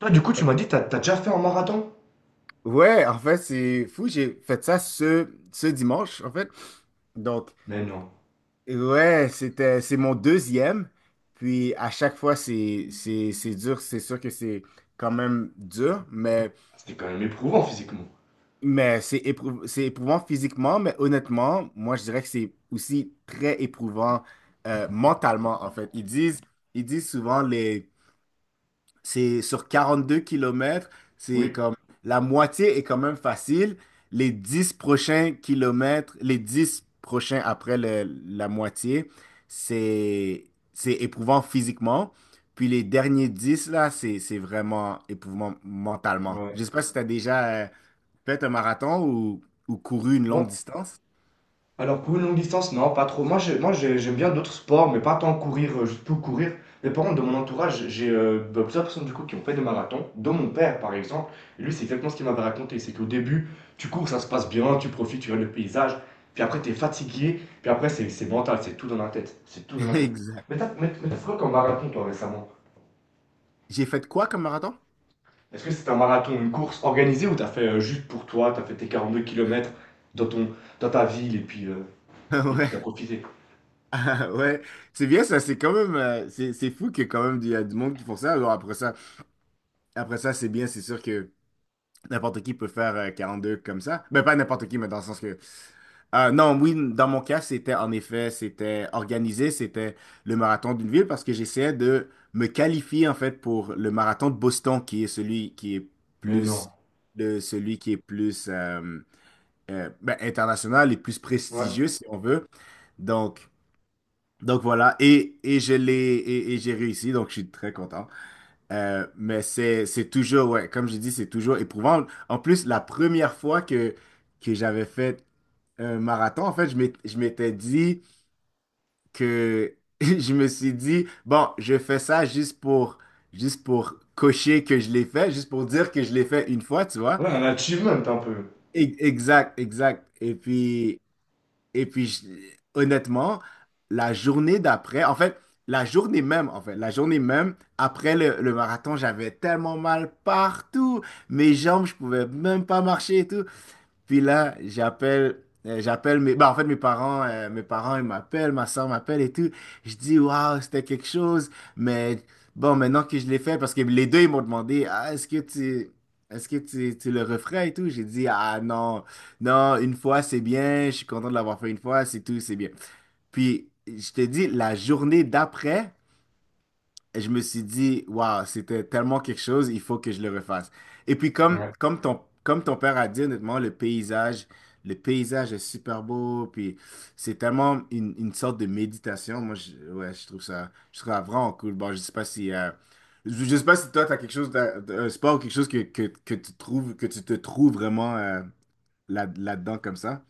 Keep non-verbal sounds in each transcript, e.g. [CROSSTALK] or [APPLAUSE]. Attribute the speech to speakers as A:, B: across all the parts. A: Toi, du coup, tu m'as dit, t'as déjà fait un marathon?
B: Ouais, en fait, c'est fou. J'ai fait ça ce dimanche, en fait. Donc,
A: Mais non.
B: ouais, c'est mon deuxième. Puis, à chaque fois, c'est dur. C'est sûr que c'est quand même dur, mais,
A: Ah, c'était quand même éprouvant physiquement.
B: mais c'est éprouvant physiquement. Mais honnêtement, moi, je dirais que c'est aussi très éprouvant mentalement, en fait. Ils disent souvent les C'est sur 42 kilomètres, c'est
A: Oui.
B: comme la moitié est quand même facile. Les 10 prochains kilomètres, les 10 prochains après la moitié, c'est c'est éprouvant physiquement. Puis les derniers dix là, c'est vraiment éprouvant mentalement.
A: Ouais.
B: Je sais pas si tu as déjà fait un marathon ou couru une
A: Moi,
B: longue distance.
A: alors pour une longue distance, non, pas trop. Moi, j'aime bien d'autres sports, mais pas tant courir, juste pour courir. Mais par contre, de mon entourage, j'ai bah, plusieurs personnes du coup qui ont fait des marathons, dont mon père par exemple. Et lui, c'est exactement ce qu'il m'avait raconté. C'est qu'au début, tu cours, ça se passe bien, tu profites, tu regardes le paysage. Puis après, t'es fatigué. Puis après, c'est mental, c'est tout dans la tête. C'est tout dans
B: [LAUGHS]
A: la tête.
B: Exact.
A: Mais t'as fait quoi comme marathon, toi, récemment?
B: J'ai fait quoi comme marathon? [LAUGHS]
A: Est-ce que c'est un marathon, une course organisée ou t'as fait juste pour toi, t'as fait tes 42 km dans ton, dans ta ville et puis, et puis t'as
B: Ouais,
A: profité?
B: [LAUGHS] ouais, c'est bien ça, c'est quand même, c'est fou qu'il y ait quand même il y a du monde qui font ça. Alors après ça, c'est bien, c'est sûr que n'importe qui peut faire 42 comme ça. Mais pas n'importe qui, mais dans le sens que... Non, oui, dans mon cas, c'était en effet, c'était organisé, c'était le marathon d'une ville parce que j'essayais de me qualifier en fait pour le marathon de Boston qui est celui qui est
A: Mais non.
B: plus le celui qui est plus ben, international et plus
A: Ouais.
B: prestigieux si on veut. Donc donc voilà et je l'ai et j'ai réussi donc je suis très content. Mais c'est toujours, ouais, comme je dis, c'est toujours éprouvant. En plus, la première fois que j'avais fait un marathon, en fait, je m'étais dit que [LAUGHS] je me suis dit, bon, je fais ça juste pour cocher que je l'ai fait, juste pour dire que je l'ai fait une fois, tu vois.
A: Ouais, un achievement un peu.
B: Exact, exact. Et puis, honnêtement, la journée d'après, en fait, la journée même, après le marathon, j'avais tellement mal partout. Mes jambes, je pouvais même pas marcher et tout. Puis là, j'appelle mes, bah, en fait, mes parents, ils m'appellent, ma soeur m'appelle et tout. Je dis, waouh, c'était quelque chose. Mais bon, maintenant que je l'ai fait, parce que les deux, ils m'ont demandé, ah, est-ce que tu, tu le referais et tout? J'ai dit, ah, non, non, une fois, c'est bien. Je suis content de l'avoir fait une fois, c'est tout, c'est bien. Puis, je te dis, la journée d'après, je me suis dit, waouh, c'était tellement quelque chose, il faut que je le refasse. Et puis,
A: Ouais.
B: comme ton père a dit, honnêtement, le paysage est super beau, puis c'est tellement une sorte de méditation. Moi, je, ouais, je trouve ça vraiment cool. Bon, je sais pas si toi, tu as quelque chose, d'un sport ou quelque chose que tu trouves, que tu te trouves vraiment là-dedans comme ça.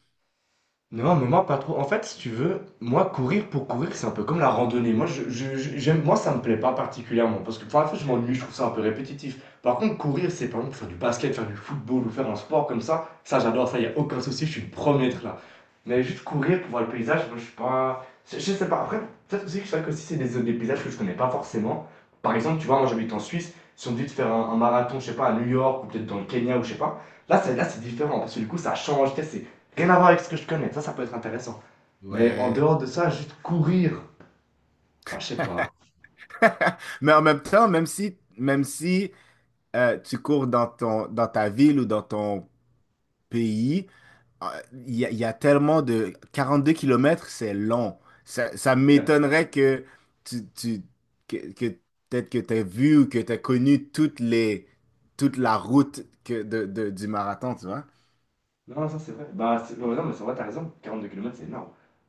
A: Non, mais moi pas trop. En fait, si tu veux, moi courir pour courir, c'est un peu comme la randonnée. Moi, moi ça me plaît pas particulièrement parce que pour la fois, je m'ennuie, je trouve ça un peu répétitif. Par contre, courir, c'est par exemple faire du basket, faire du football ou faire un sport comme ça. Ça, j'adore ça. Il y a aucun souci, je suis le premier à être
B: Mm.
A: là. Mais juste courir pour voir le paysage, moi, je suis pas. Je sais pas. Après, peut-être aussi que c'est vrai que si c'est des paysages que je connais pas forcément. Par exemple, tu vois, moi j'habite en Suisse. Si on me dit de faire un marathon, je sais pas, à New York ou peut-être dans le Kenya ou je sais pas. Là, c'est différent parce que du coup, ça change. Tu sais, c'est rien à voir avec ce que je connais. Ça peut être intéressant. Mais en
B: Ouais.
A: dehors de ça, juste courir, bah, je sais pas.
B: [LAUGHS] Mais en même temps, même si tu cours dans ton, dans ta ville ou dans ton pays, euh, il y a tellement de... 42 kilomètres, c'est long. Ça m'étonnerait tu, tu- que peut-être que tu as vu ou que tu as connu toutes les, toute la route du marathon, tu vois.
A: Non, ça c'est vrai. Bah, ouais, non, mais c'est vrai, t'as raison. 42 km, c'est énorme.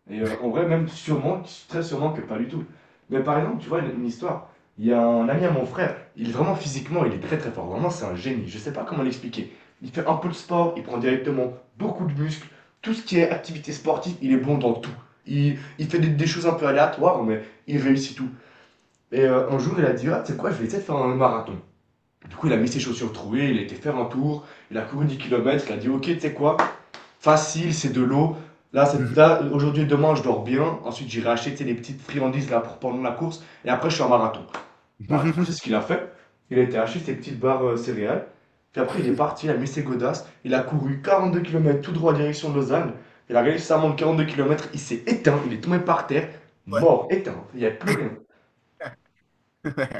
A: Et en vrai, même sûrement, très sûrement que pas du tout. Mais par exemple, tu vois, une histoire. Il y a un ami à mon frère, il est vraiment physiquement, il est très très fort. Vraiment, c'est un génie. Je sais pas comment l'expliquer. Il fait un peu le sport, il prend directement beaucoup de muscles. Tout ce qui est activité sportive, il est bon dans tout. Il fait des choses un peu aléatoires, mais il réussit tout. Et un jour, il a dit, Ah, tu sais quoi, je vais essayer de faire un marathon. Du coup, il a mis ses chaussures trouées, il a été faire un tour, il a couru 10 km, il a dit, Ok, tu sais quoi, facile, c'est de l'eau. Là, là, aujourd'hui et demain, je dors bien. Ensuite, j'irai acheter tu des petites friandises là, pour pendant la course. Et après, je fais un marathon. Bah, du coup, c'est ce
B: [LAUGHS]
A: qu'il a fait. Il a été acheter ses petites barres céréales. Puis après, il est parti, il a mis ses godasses. Il a couru 42 km tout droit direction de Lausanne. Il a réussi à monter 42 km. Il s'est éteint, il est tombé par terre,
B: Ouais.
A: mort, éteint. Il n'y avait plus rien.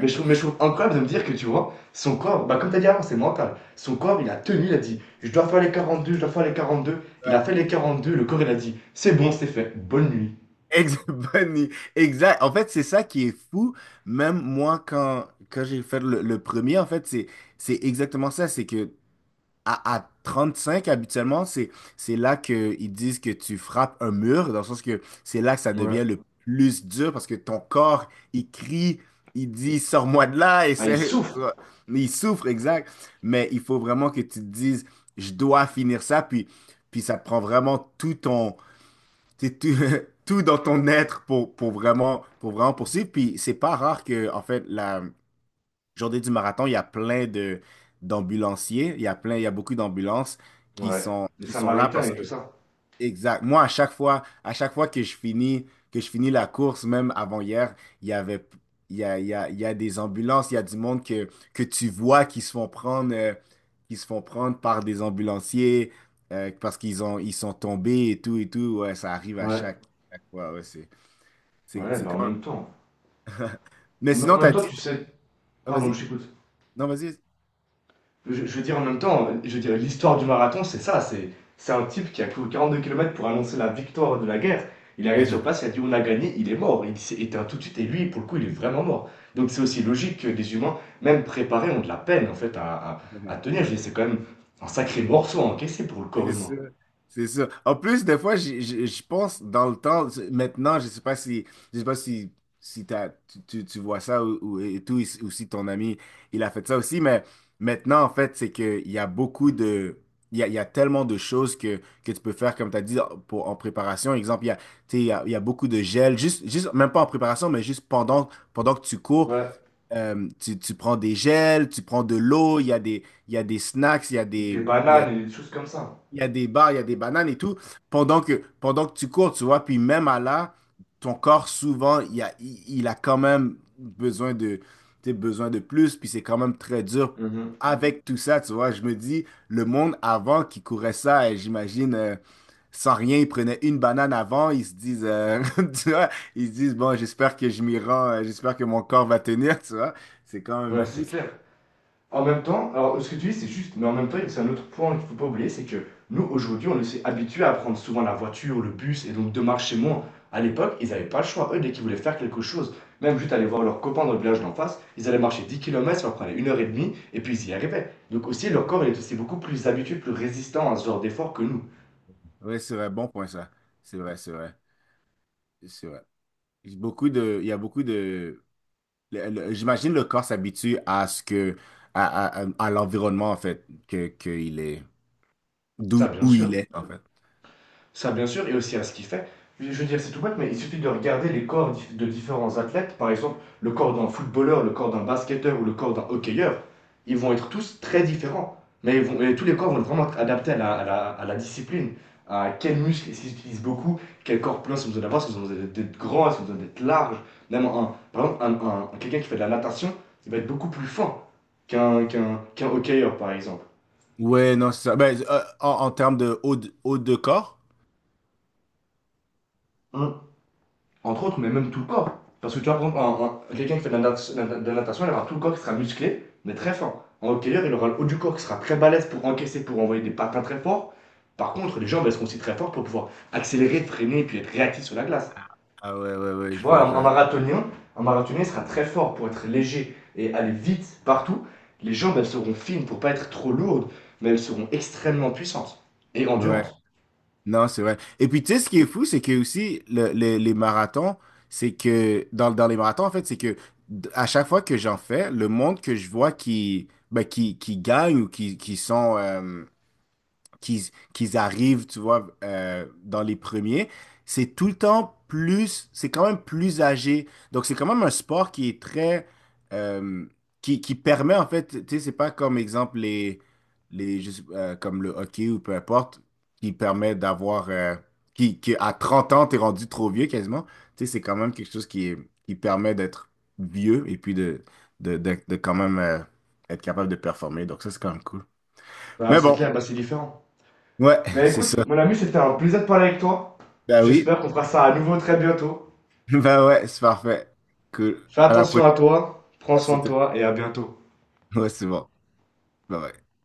A: Mais je trouve incroyable de me dire que tu vois, son corps, bah comme tu as dit avant, c'est mental. Son corps, il a tenu, il a dit, Je dois faire les 42, je dois faire les quarante deux. Il
B: Ouais.
A: a fait les 42, le corps, il a dit, C'est bon, c'est fait, bonne nuit.
B: Ex- [LAUGHS] bonne i- Exact. En fait, c'est ça qui est fou. Même moi, quand j'ai fait le premier, en fait, c'est exactement ça. C'est que À 35, habituellement, c'est là qu'ils disent que tu frappes un mur, dans le sens que c'est là que ça
A: Ouais.
B: devient le plus dur parce que ton corps, il crie, il dit sors-moi de là, et
A: Ah, il
B: c'est,
A: souffre.
B: tu vois, il souffre, exact. Mais il faut vraiment que tu te dises je dois finir ça, puis ça te prend vraiment tout ton, tu sais, tout, [LAUGHS] tout dans ton être pour vraiment poursuivre. Puis c'est pas rare que, en fait, la journée du marathon, il y a plein de d'ambulanciers, il y a plein, il y a beaucoup d'ambulances qui
A: Ouais,
B: sont
A: les
B: qui sont là.
A: Samaritains
B: Parce
A: et
B: que
A: tout ça.
B: Exact. Moi, à chaque fois que je finis la course, même avant hier, il y avait il y a, il y a, il y a des ambulances, il y a du monde que tu vois qui se font prendre qui se font prendre par des ambulanciers parce qu'ils sont tombés et tout et tout. Ouais, ça arrive à
A: Ouais.
B: chaque, chaque fois. Ouais, c'est c'est
A: Ouais,
B: c'est
A: bah en
B: quand
A: même temps.
B: même. [LAUGHS] Mais
A: En,
B: sinon,
A: en même
B: t'as
A: temps,
B: dit.
A: tu sais.
B: Ah,
A: Pardon,
B: vas-y.
A: je t'écoute.
B: Non, vas-y.
A: Je veux dire, en même temps, je veux dire, l'histoire du marathon, c'est ça. C'est un type qui a couru 42 km pour annoncer la victoire de la guerre. Il est arrivé sur place, il a
B: [LAUGHS]
A: dit, on a gagné, il est mort. Il s'est éteint tout de suite et lui, pour le coup, il est vraiment mort. Donc c'est aussi logique que des humains, même préparés, ont de la peine en fait à tenir. Je veux dire, c'est quand même un sacré morceau à encaisser pour le corps
B: C'est
A: humain.
B: sûr, c'est sûr. En plus, des fois, je pense dans le temps, maintenant, je sais pas si, si tu vois ça et tout, ou si ton ami, il a fait ça aussi, mais maintenant, en fait, c'est qu'il y a tellement de choses que tu peux faire, comme tu as dit, en préparation. Exemple, il y a, tu sais, il y a beaucoup de gel, même pas en préparation, mais juste pendant que tu cours,
A: Ouais,
B: tu prends des gels, tu prends de l'eau, il y a des snacks, il y a
A: des
B: des, il y a
A: bananes et des choses comme ça.
B: il y a des bars, il y a des bananes et tout. Pendant que tu cours, tu vois, puis même à là, ton corps, souvent, il a quand même besoin de, tu sais, besoin de plus, puis c'est quand même très dur
A: Mhm.
B: avec tout ça, tu vois. Je me dis, le monde avant qui courait ça, j'imagine, sans rien, ils prenaient une banane avant, ils se disent, [LAUGHS] tu vois, ils se disent, bon, j'espère que je m'y rends, j'espère que mon corps va tenir, tu vois. C'est quand même
A: Ouais,
B: fou.
A: c'est clair. En même temps, alors ce que tu dis, c'est juste, mais en même temps, c'est un autre point qu'il ne faut pas oublier, c'est que nous, aujourd'hui, on s'est habitués à prendre souvent la voiture, le bus, et donc de marcher moins. À l'époque, ils n'avaient pas le choix. Eux, dès qu'ils voulaient faire quelque chose, même juste aller voir leurs copains dans le village d'en face, ils allaient marcher 10 km, ça leur prenait une heure et demie, et puis ils y arrivaient. Donc aussi, leur corps, il est aussi beaucoup plus habitué, plus résistant à ce genre d'effort que nous.
B: Ouais, c'est vrai, bon point ça. C'est vrai, c'est vrai, c'est vrai. Il y a beaucoup de, j'imagine le corps s'habitue à ce que, à l'environnement, en fait, que il est,
A: Ça, bien
B: où il
A: sûr.
B: est, en fait.
A: Ça, bien sûr, et aussi à ce qu'il fait. Je veux dire, c'est tout bête, mais il suffit de regarder les corps de différents athlètes. Par exemple, le corps d'un footballeur, le corps d'un basketteur ou le corps d'un hockeyeur. Ils vont être tous très différents. Mais et tous les corps vont vraiment être adaptés à la discipline. À quels muscles ils utilisent beaucoup, quel corps plein si vous besoin d'avoir, si vous besoin grand, si vous besoin d'être large. Même un, par exemple, quelqu'un qui fait de la natation, il va être beaucoup plus fin qu'un hockeyeur, par exemple.
B: Ouais, non, c'est ça. Ben, en termes de haut, de corps?
A: Un- Entre autres, mais même tout le corps. Parce que tu vois, par quelqu'un qui fait de natation, il aura tout le corps qui sera musclé, mais très fort. Un hockeyeur, il aura le haut du corps qui sera très balèze pour encaisser, pour envoyer des patins très forts. Par contre, les jambes, elles seront aussi très fortes pour pouvoir accélérer, freiner, puis être réactif sur la glace.
B: Ah ouais, ouais, ouais,
A: Tu
B: je
A: vois,
B: vois, je vois.
A: un marathonien sera très fort pour être léger et aller vite partout. Les jambes, elles seront fines pour pas être trop lourdes, mais elles seront extrêmement puissantes et
B: Ouais,
A: endurantes.
B: non, c'est vrai. Et puis, tu sais, ce qui est fou, c'est que aussi, les marathons, c'est que, dans les marathons, en fait, à chaque fois que j'en fais, le monde que je vois qui, ben, qui gagne ou qui sont, qu'ils qu'ils arrivent, tu vois, dans les premiers, c'est tout le temps plus, c'est quand même plus âgé. Donc, c'est quand même un sport qui est très, euh, qui permet, en fait, tu sais, c'est pas comme exemple les, comme le hockey ou peu importe, qui permet d'avoir, qui à 30 ans, t'es rendu trop vieux quasiment. Tu sais, c'est quand même quelque chose qui permet d'être vieux et puis de quand même être capable de performer. Donc, ça, c'est quand même cool.
A: Bah,
B: Mais
A: c'est
B: bon,
A: clair, bah, c'est différent.
B: ouais, [LAUGHS]
A: Mais
B: c'est
A: écoute,
B: ça.
A: mon ami, c'était un plaisir de parler avec toi.
B: Ben oui,
A: J'espère qu'on fera ça à nouveau très bientôt.
B: [LAUGHS] ben ouais, c'est parfait. Cool.
A: Fais
B: À la
A: attention
B: prochaine.
A: à toi, prends soin
B: Merci
A: de
B: de-
A: toi et à bientôt.
B: Ouais, c'est bon. Bye bye.